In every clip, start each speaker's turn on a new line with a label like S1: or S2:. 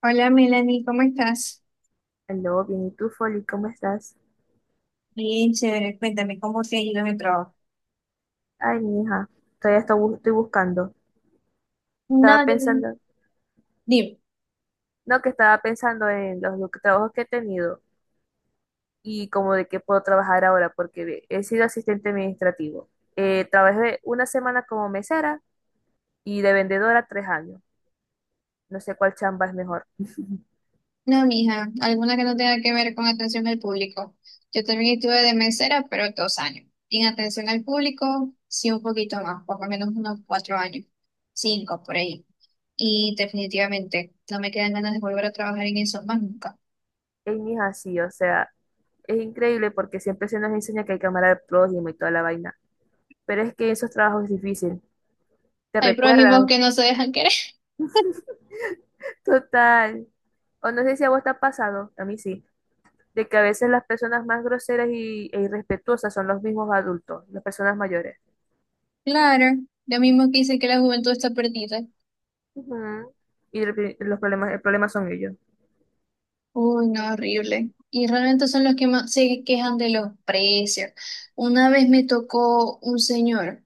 S1: Hola Melanie, ¿cómo estás?
S2: Aló, bien, ¿y tú, Folly? ¿Cómo estás?
S1: Bien, chévere. Cuéntame, ¿cómo te ha ido en el trabajo?
S2: Ay, mi hija, todavía estoy buscando.
S1: No,
S2: Estaba
S1: yo
S2: pensando,
S1: dime.
S2: no, que estaba pensando en los trabajos que he tenido y como de qué puedo trabajar ahora, porque ve, he sido asistente administrativo. Trabajé una semana como mesera y de vendedora 3 años. No sé cuál chamba es mejor.
S1: No, mija, alguna que no tenga que ver con atención al público. Yo también estuve de mesera, pero 2 años. Y en atención al público, sí, un poquito más, por lo menos unos 4 años, cinco por ahí. Y definitivamente no me quedan ganas de volver a trabajar en eso más nunca.
S2: Ay, mi hija, sí, o sea, es increíble porque siempre se nos enseña que hay que amar al prójimo y toda la vaina. Pero es que esos trabajos es difícil. Te
S1: Hay prójimos
S2: recuerdan.
S1: que no se dejan querer.
S2: Total. O no sé si a vos te ha pasado, a mí sí, de que a veces las personas más groseras e irrespetuosas son los mismos adultos, las personas mayores.
S1: Claro, lo mismo que dicen que la juventud está perdida.
S2: Ujú. Y los problemas, el problema son ellos.
S1: Uy, no, horrible. Y realmente son los que más se quejan de los precios. Una vez me tocó un señor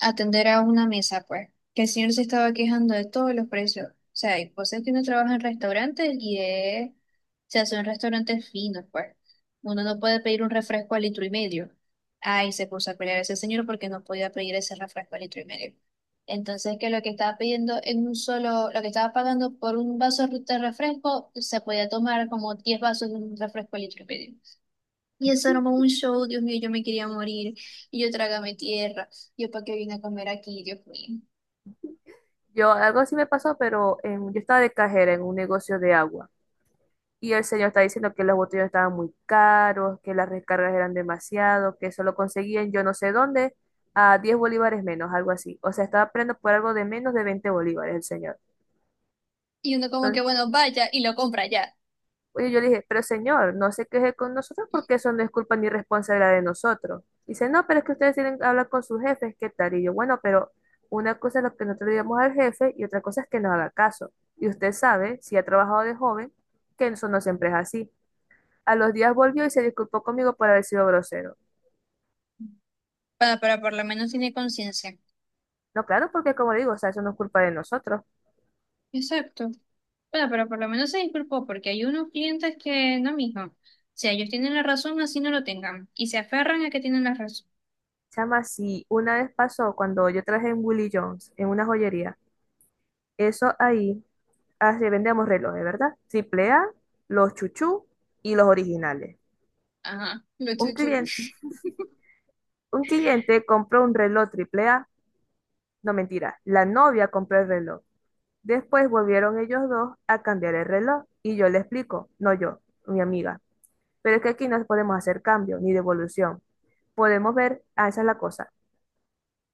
S1: atender a una mesa, pues, que el señor se estaba quejando de todos los precios. O sea, y vos es que uno trabaja en restaurantes y es, o sea son restaurantes finos pues. Uno no puede pedir un refresco a litro y medio. Ay, se puso a pelear ese señor porque no podía pedir ese refresco a litro y medio. Entonces, que lo que estaba pidiendo en un solo, lo que estaba pagando por un vaso de refresco, se podía tomar como 10 vasos de un refresco litro y medio. Y eso armó un show, Dios mío, yo me quería morir. Y yo trágame tierra. Yo, ¿para qué vine a comer aquí, Dios mío?
S2: Yo, algo así me pasó, pero yo estaba de cajera en un negocio de agua. Y el señor está diciendo que los botellos estaban muy caros, que las recargas eran demasiado, que eso lo conseguían yo no sé dónde, a 10 bolívares menos, algo así. O sea, estaba aprendiendo por algo de menos de 20 bolívares el señor.
S1: Y uno como que, bueno, vaya y lo compra ya.
S2: Oye, yo le dije, pero señor, no se queje con nosotros porque eso no es culpa ni responsabilidad de nosotros. Dice, no, pero es que ustedes tienen que hablar con sus jefes, ¿qué tal? Y yo, bueno, pero una cosa es lo que nosotros digamos al jefe y otra cosa es que nos haga caso. Y usted sabe, si ha trabajado de joven, que eso no siempre es así. A los días volvió y se disculpó conmigo por haber sido grosero.
S1: Bueno, pero por lo menos tiene conciencia.
S2: No, claro, porque como le digo, o sea, eso no es culpa de nosotros.
S1: Exacto. Bueno, pero por lo menos se disculpó porque hay unos clientes que no, mijo. O sea, ellos tienen la razón, así no lo tengan. Y se aferran a que tienen la razón.
S2: Chama, si una vez pasó cuando yo traje en Willie Jones, en una joyería, eso ahí así vendemos relojes, ¿verdad? Triple A, los chuchú y los originales.
S1: Ajá, lo
S2: Un
S1: chuchu.
S2: cliente, un cliente compró un reloj triple A, no mentira, la novia compró el reloj. Después volvieron ellos dos a cambiar el reloj y yo le explico, no yo, mi amiga, pero es que aquí no podemos hacer cambio ni devolución. Podemos ver, ah, esa es la cosa,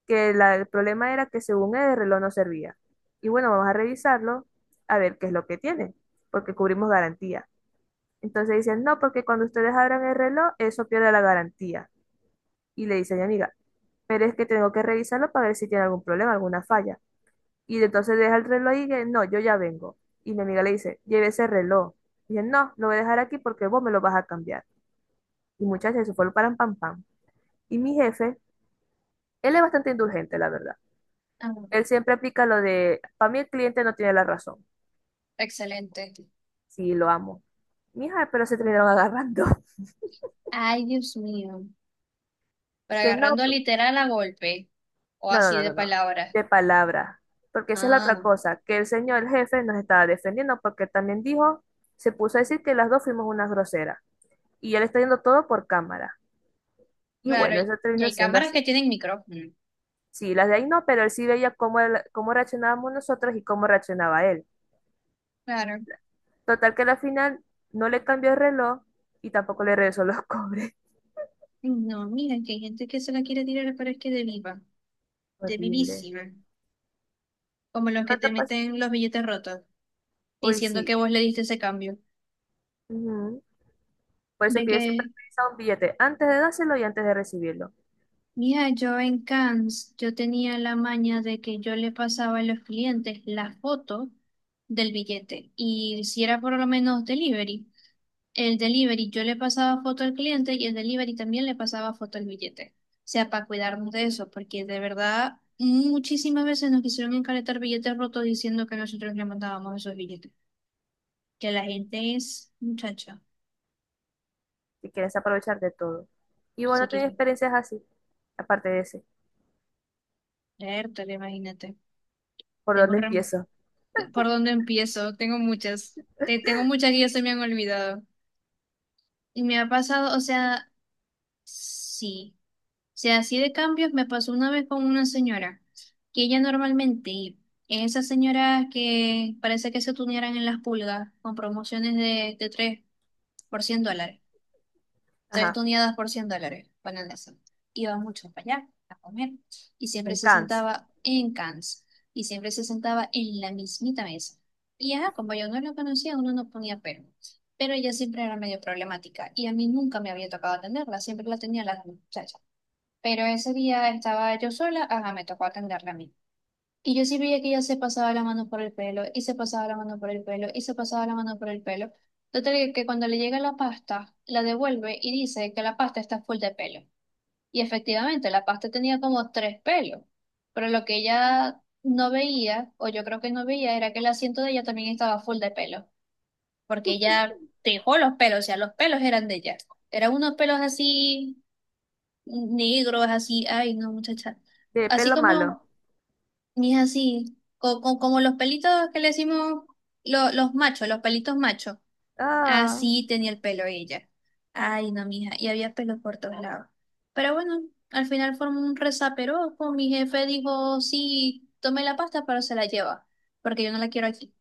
S2: que el problema era que según él el reloj no servía. Y bueno, vamos a revisarlo a ver qué es lo que tiene, porque cubrimos garantía. Entonces dicen, no, porque cuando ustedes abran el reloj, eso pierde la garantía. Y le dice a mi amiga, pero es que tengo que revisarlo para ver si tiene algún problema, alguna falla. Y entonces deja el reloj y que, no, yo ya vengo. Y mi amiga le dice, lleve ese reloj. Y dice, no, lo voy a dejar aquí porque vos me lo vas a cambiar. Y muchachos, eso fue lo paran pam pam. Y mi jefe, él es bastante indulgente, la verdad.
S1: Ah,
S2: Él siempre aplica lo de, para mí el cliente no tiene la razón.
S1: excelente.
S2: Sí, lo amo. Mija, pero se terminaron agarrando.
S1: Ay, Dios mío. Pero
S2: Que no.
S1: agarrando literal a golpe o
S2: No, no,
S1: así
S2: no,
S1: de
S2: no, no.
S1: palabras.
S2: De palabra. Porque esa es la otra
S1: Ah,
S2: cosa, que el señor, el jefe, nos estaba defendiendo porque también dijo, se puso a decir que las dos fuimos unas groseras. Y él está viendo todo por cámara. Y
S1: claro.
S2: bueno, eso
S1: Y
S2: terminó
S1: hay
S2: siendo
S1: cámaras que
S2: así.
S1: tienen micrófono.
S2: Sí, las de ahí no, pero él sí veía cómo, cómo reaccionábamos nosotros y cómo reaccionaba él.
S1: Claro.
S2: Total que a la final no le cambió el reloj y tampoco le regresó los cobres.
S1: Ay, no, miren que hay gente que se la quiere tirar, pero es que de viva, de
S2: Horrible.
S1: vivísima. Como los que
S2: ¿Qué te
S1: te
S2: pas-
S1: meten los billetes rotos,
S2: Uy,
S1: diciendo
S2: sí.
S1: que vos le diste ese cambio.
S2: Ujú. Por eso es
S1: De
S2: que yo siempre he
S1: que,
S2: utilizado un billete antes de dárselo y antes de recibirlo.
S1: mira, yo en Cannes, yo tenía la maña de que yo le pasaba a los clientes la foto del billete. Y si era por lo menos delivery. El delivery, yo le pasaba foto al cliente y el delivery también le pasaba foto al billete. O sea, para cuidarnos de eso, porque de verdad muchísimas veces nos quisieron encaretar billetes rotos diciendo que nosotros le mandábamos esos billetes. Que la gente es, muchacha,
S2: Y quieres aprovechar de todo. Y vos
S1: se
S2: no tenés
S1: quiere
S2: experiencias así, aparte de ese.
S1: leértelo, imagínate.
S2: ¿Por
S1: Tengo
S2: dónde
S1: un
S2: empiezo?
S1: ¿Por dónde empiezo? Tengo muchas. Tengo muchas que ya se me han olvidado. Y me ha pasado, o sea, sí. Sea, así de cambios me pasó una vez con una señora, que ella normalmente, esas señoras que parece que se tunearan en las pulgas con promociones de 3 por $100, 3
S2: Ajá,
S1: tuneadas por $100, ponen eso. Iba mucho para allá a comer y siempre
S2: en
S1: se
S2: Cannes,
S1: sentaba en cans y siempre se sentaba en la mismita mesa. Y ajá, como yo no lo conocía, uno no ponía pero. Pero ella siempre era medio problemática y a mí nunca me había tocado atenderla, siempre la tenía la muchacha. Pero ese día estaba yo sola, ajá, me tocó atenderla a mí. Y yo sí veía que ella se pasaba la mano por el pelo, y se pasaba la mano por el pelo, y se pasaba la mano por el pelo. Total que cuando le llega la pasta, la devuelve y dice que la pasta está full de pelo. Y efectivamente, la pasta tenía como tres pelos. Pero lo que ella no veía, o yo creo que no veía, era que el asiento de ella también estaba full de pelo. Porque ella dejó los pelos, o sea, los pelos eran de ella. Eran unos pelos así negros, así, ay, no, muchacha.
S2: de
S1: Así
S2: pelo malo.
S1: como, ni es así, como los pelitos que le decimos los machos, los pelitos machos.
S2: Ah,
S1: Así tenía el pelo ella. Ay, no, mija, y había pelo por todos lados. Pero bueno, al final formó un resaperoco. Mi jefe dijo, sí, tome la pasta, pero se la lleva, porque yo no la quiero aquí.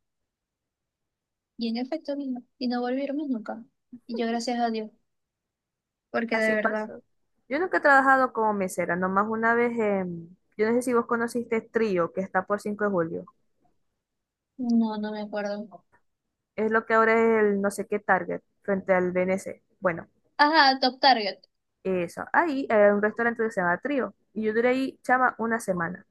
S1: Y en efecto vino, y no volvieron más nunca. Y yo gracias a Dios, porque de
S2: así
S1: verdad,
S2: pasó. Yo nunca he trabajado como mesera, nomás una vez en... Yo no sé si vos conociste Trío, que está por 5 de julio.
S1: no, no me acuerdo.
S2: Es lo que ahora es el no sé qué Target, frente al BNC. Bueno,
S1: Ajá, Top Target.
S2: eso. Ahí era un restaurante que se llama Trío. Y yo duré ahí, chama, una semana.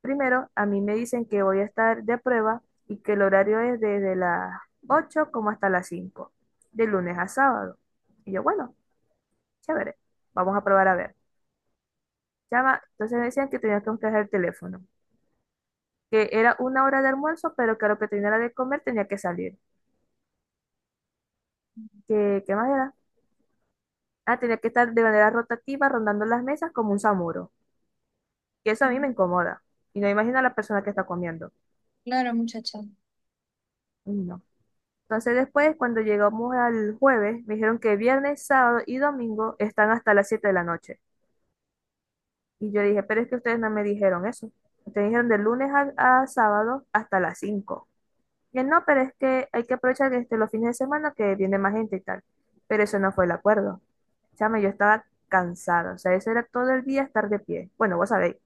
S2: Primero, a mí me dicen que voy a estar de prueba y que el horario es desde las 8 como hasta las 5, de lunes a sábado. Y yo, bueno, chévere, vamos a probar a ver. Llama, entonces me decían que tenía que buscar el teléfono, que era una hora de almuerzo, pero que a lo que tenía era de comer tenía que salir. ¿Qué más era? Ah, tenía que estar de manera rotativa rondando las mesas como un samuro. Y eso a mí me incomoda. Y no imagino a la persona que está comiendo.
S1: Claro, muchacha.
S2: No. Entonces después, cuando llegamos al jueves, me dijeron que viernes, sábado y domingo están hasta las 7 de la noche. Y yo dije, pero es que ustedes no me dijeron eso. Ustedes dijeron de lunes a sábado hasta las 5. Y él, no, pero es que hay que aprovechar este, los fines de semana que viene más gente y tal. Pero eso no fue el acuerdo. Chama, yo estaba cansada. O sea, eso era todo el día estar de pie. Bueno, vos sabéis,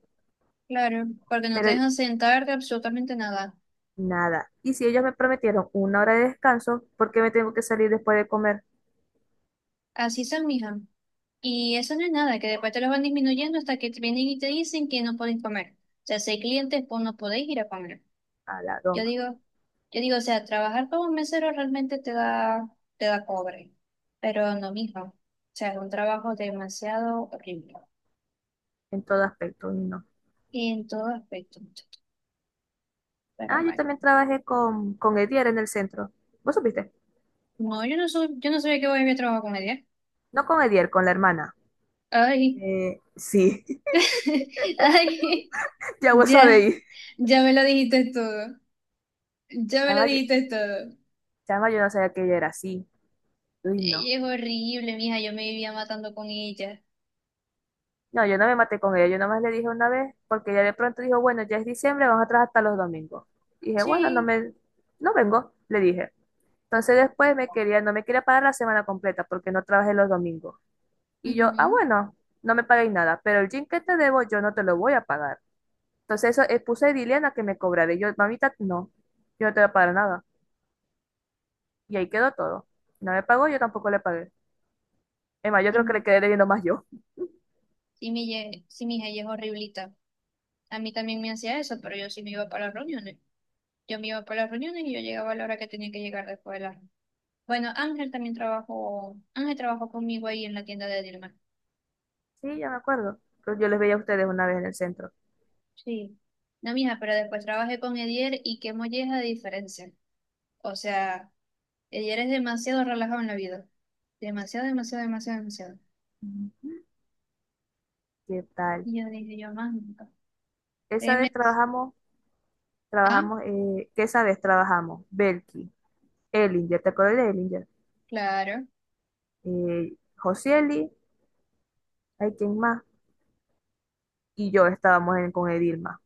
S1: Claro, porque no te
S2: pero
S1: dejan sentarte absolutamente nada.
S2: nada. Y si ellos me prometieron una hora de descanso, ¿por qué me tengo que salir después de comer?
S1: Así se mijan. Y eso no es nada, que después te los van disminuyendo hasta que te vienen y te dicen que no podéis comer. O sea, si hay clientes, pues no podéis ir a comer.
S2: A la
S1: Yo
S2: doma,
S1: digo, yo digo, o sea, trabajar como mesero realmente te da cobre. Pero no, mijo. O sea, es un trabajo demasiado horrible.
S2: en todo aspecto, y no.
S1: En todo aspecto, muchacho. Pero
S2: Ah, yo
S1: bueno.
S2: también trabajé con Edier en el centro. ¿Vos supiste?
S1: No, yo no soy, yo no sabía que voy a ir a trabajar con ella.
S2: No con Edier, con la hermana.
S1: Ay,
S2: Sí.
S1: ay,
S2: Ya vos
S1: ya,
S2: sabéis.
S1: ya me lo dijiste todo. Ya me lo
S2: Chama,
S1: dijiste todo.
S2: chama, yo no sabía que ella era así. Uy, no.
S1: Ella es horrible, mija, yo me vivía matando con ella.
S2: No, yo no me maté con ella, yo nomás le dije una vez, porque ella de pronto dijo, bueno, ya es diciembre, vamos a trabajar hasta los domingos. Dije, bueno,
S1: Sí.
S2: no vengo, le dije. Entonces después no me quería pagar la semana completa porque no trabajé los domingos. Y yo, ah,
S1: Ujú.
S2: bueno, no me paguéis nada, pero el gym que te debo yo no te lo voy a pagar. Entonces eso, puse dile a Diliana que me cobrara. Y yo, mamita, no, yo no te voy a pagar nada. Y ahí quedó todo. Si no me pagó, yo tampoco le pagué. Es más, yo creo que le
S1: Sí,
S2: quedé debiendo más yo.
S1: sí, sí, mija, ella es horriblita. A mí también me hacía eso, pero yo sí me iba para las reuniones. Yo me iba para las reuniones y yo llegaba a la hora que tenía que llegar después de la... Bueno, Ángel también trabajó, Ángel trabajó conmigo ahí en la tienda de Dilma.
S2: Sí, ya me acuerdo. Pero yo les veía a ustedes una vez en el centro.
S1: Sí. No, mija, pero después trabajé con Edier y qué molleja de diferencia. O sea, Edier es demasiado relajado en la vida. Demasiado, demasiado, demasiado, demasiado.
S2: Ujú. ¿Qué tal?
S1: Y yo dije, yo más nunca.
S2: Esa vez
S1: Créeme.
S2: trabajamos,
S1: Ah,
S2: ¿qué esa vez trabajamos? Belki, Elinger, ¿te acuerdas de Elinger?
S1: claro.
S2: Josieli, ¿hay quién más? Y yo estábamos con Edilma.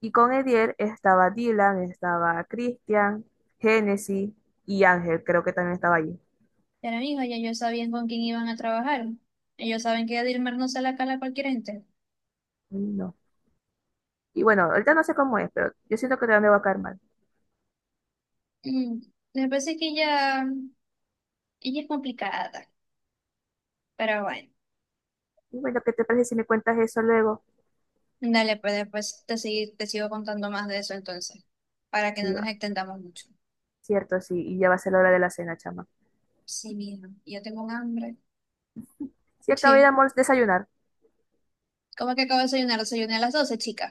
S2: Y con Edier estaba Dylan, estaba Christian, Genesis y Ángel, creo que también estaba allí.
S1: Ya la misma, ya ellos sabían con quién iban a trabajar. Ellos saben que Dilmer no se la cala a cualquier gente.
S2: Ay, no. Y bueno, ahorita no sé cómo es, pero yo siento que también me va a caer mal.
S1: Mm, me parece que ella es complicada, pero bueno.
S2: Y bueno, ¿qué te parece si me cuentas eso luego?
S1: Dale, pues después te, te sigo contando más de eso entonces, para que no
S2: Sí,
S1: nos
S2: va.
S1: extendamos mucho.
S2: Cierto, sí. Y ya va a ser la hora de la cena, chama.
S1: Sí, mira, yo tengo un hambre.
S2: Sí, acabé de
S1: Sí,
S2: desayunar.
S1: ¿cómo que acabo de desayunar? Desayuné a las 12, chica.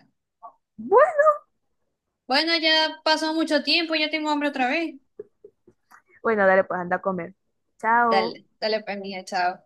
S1: Bueno, ya pasó mucho tiempo, ya tengo hambre otra vez.
S2: Bueno, dale, pues anda a comer. Chao.
S1: Dale, dale pues, mija, chao.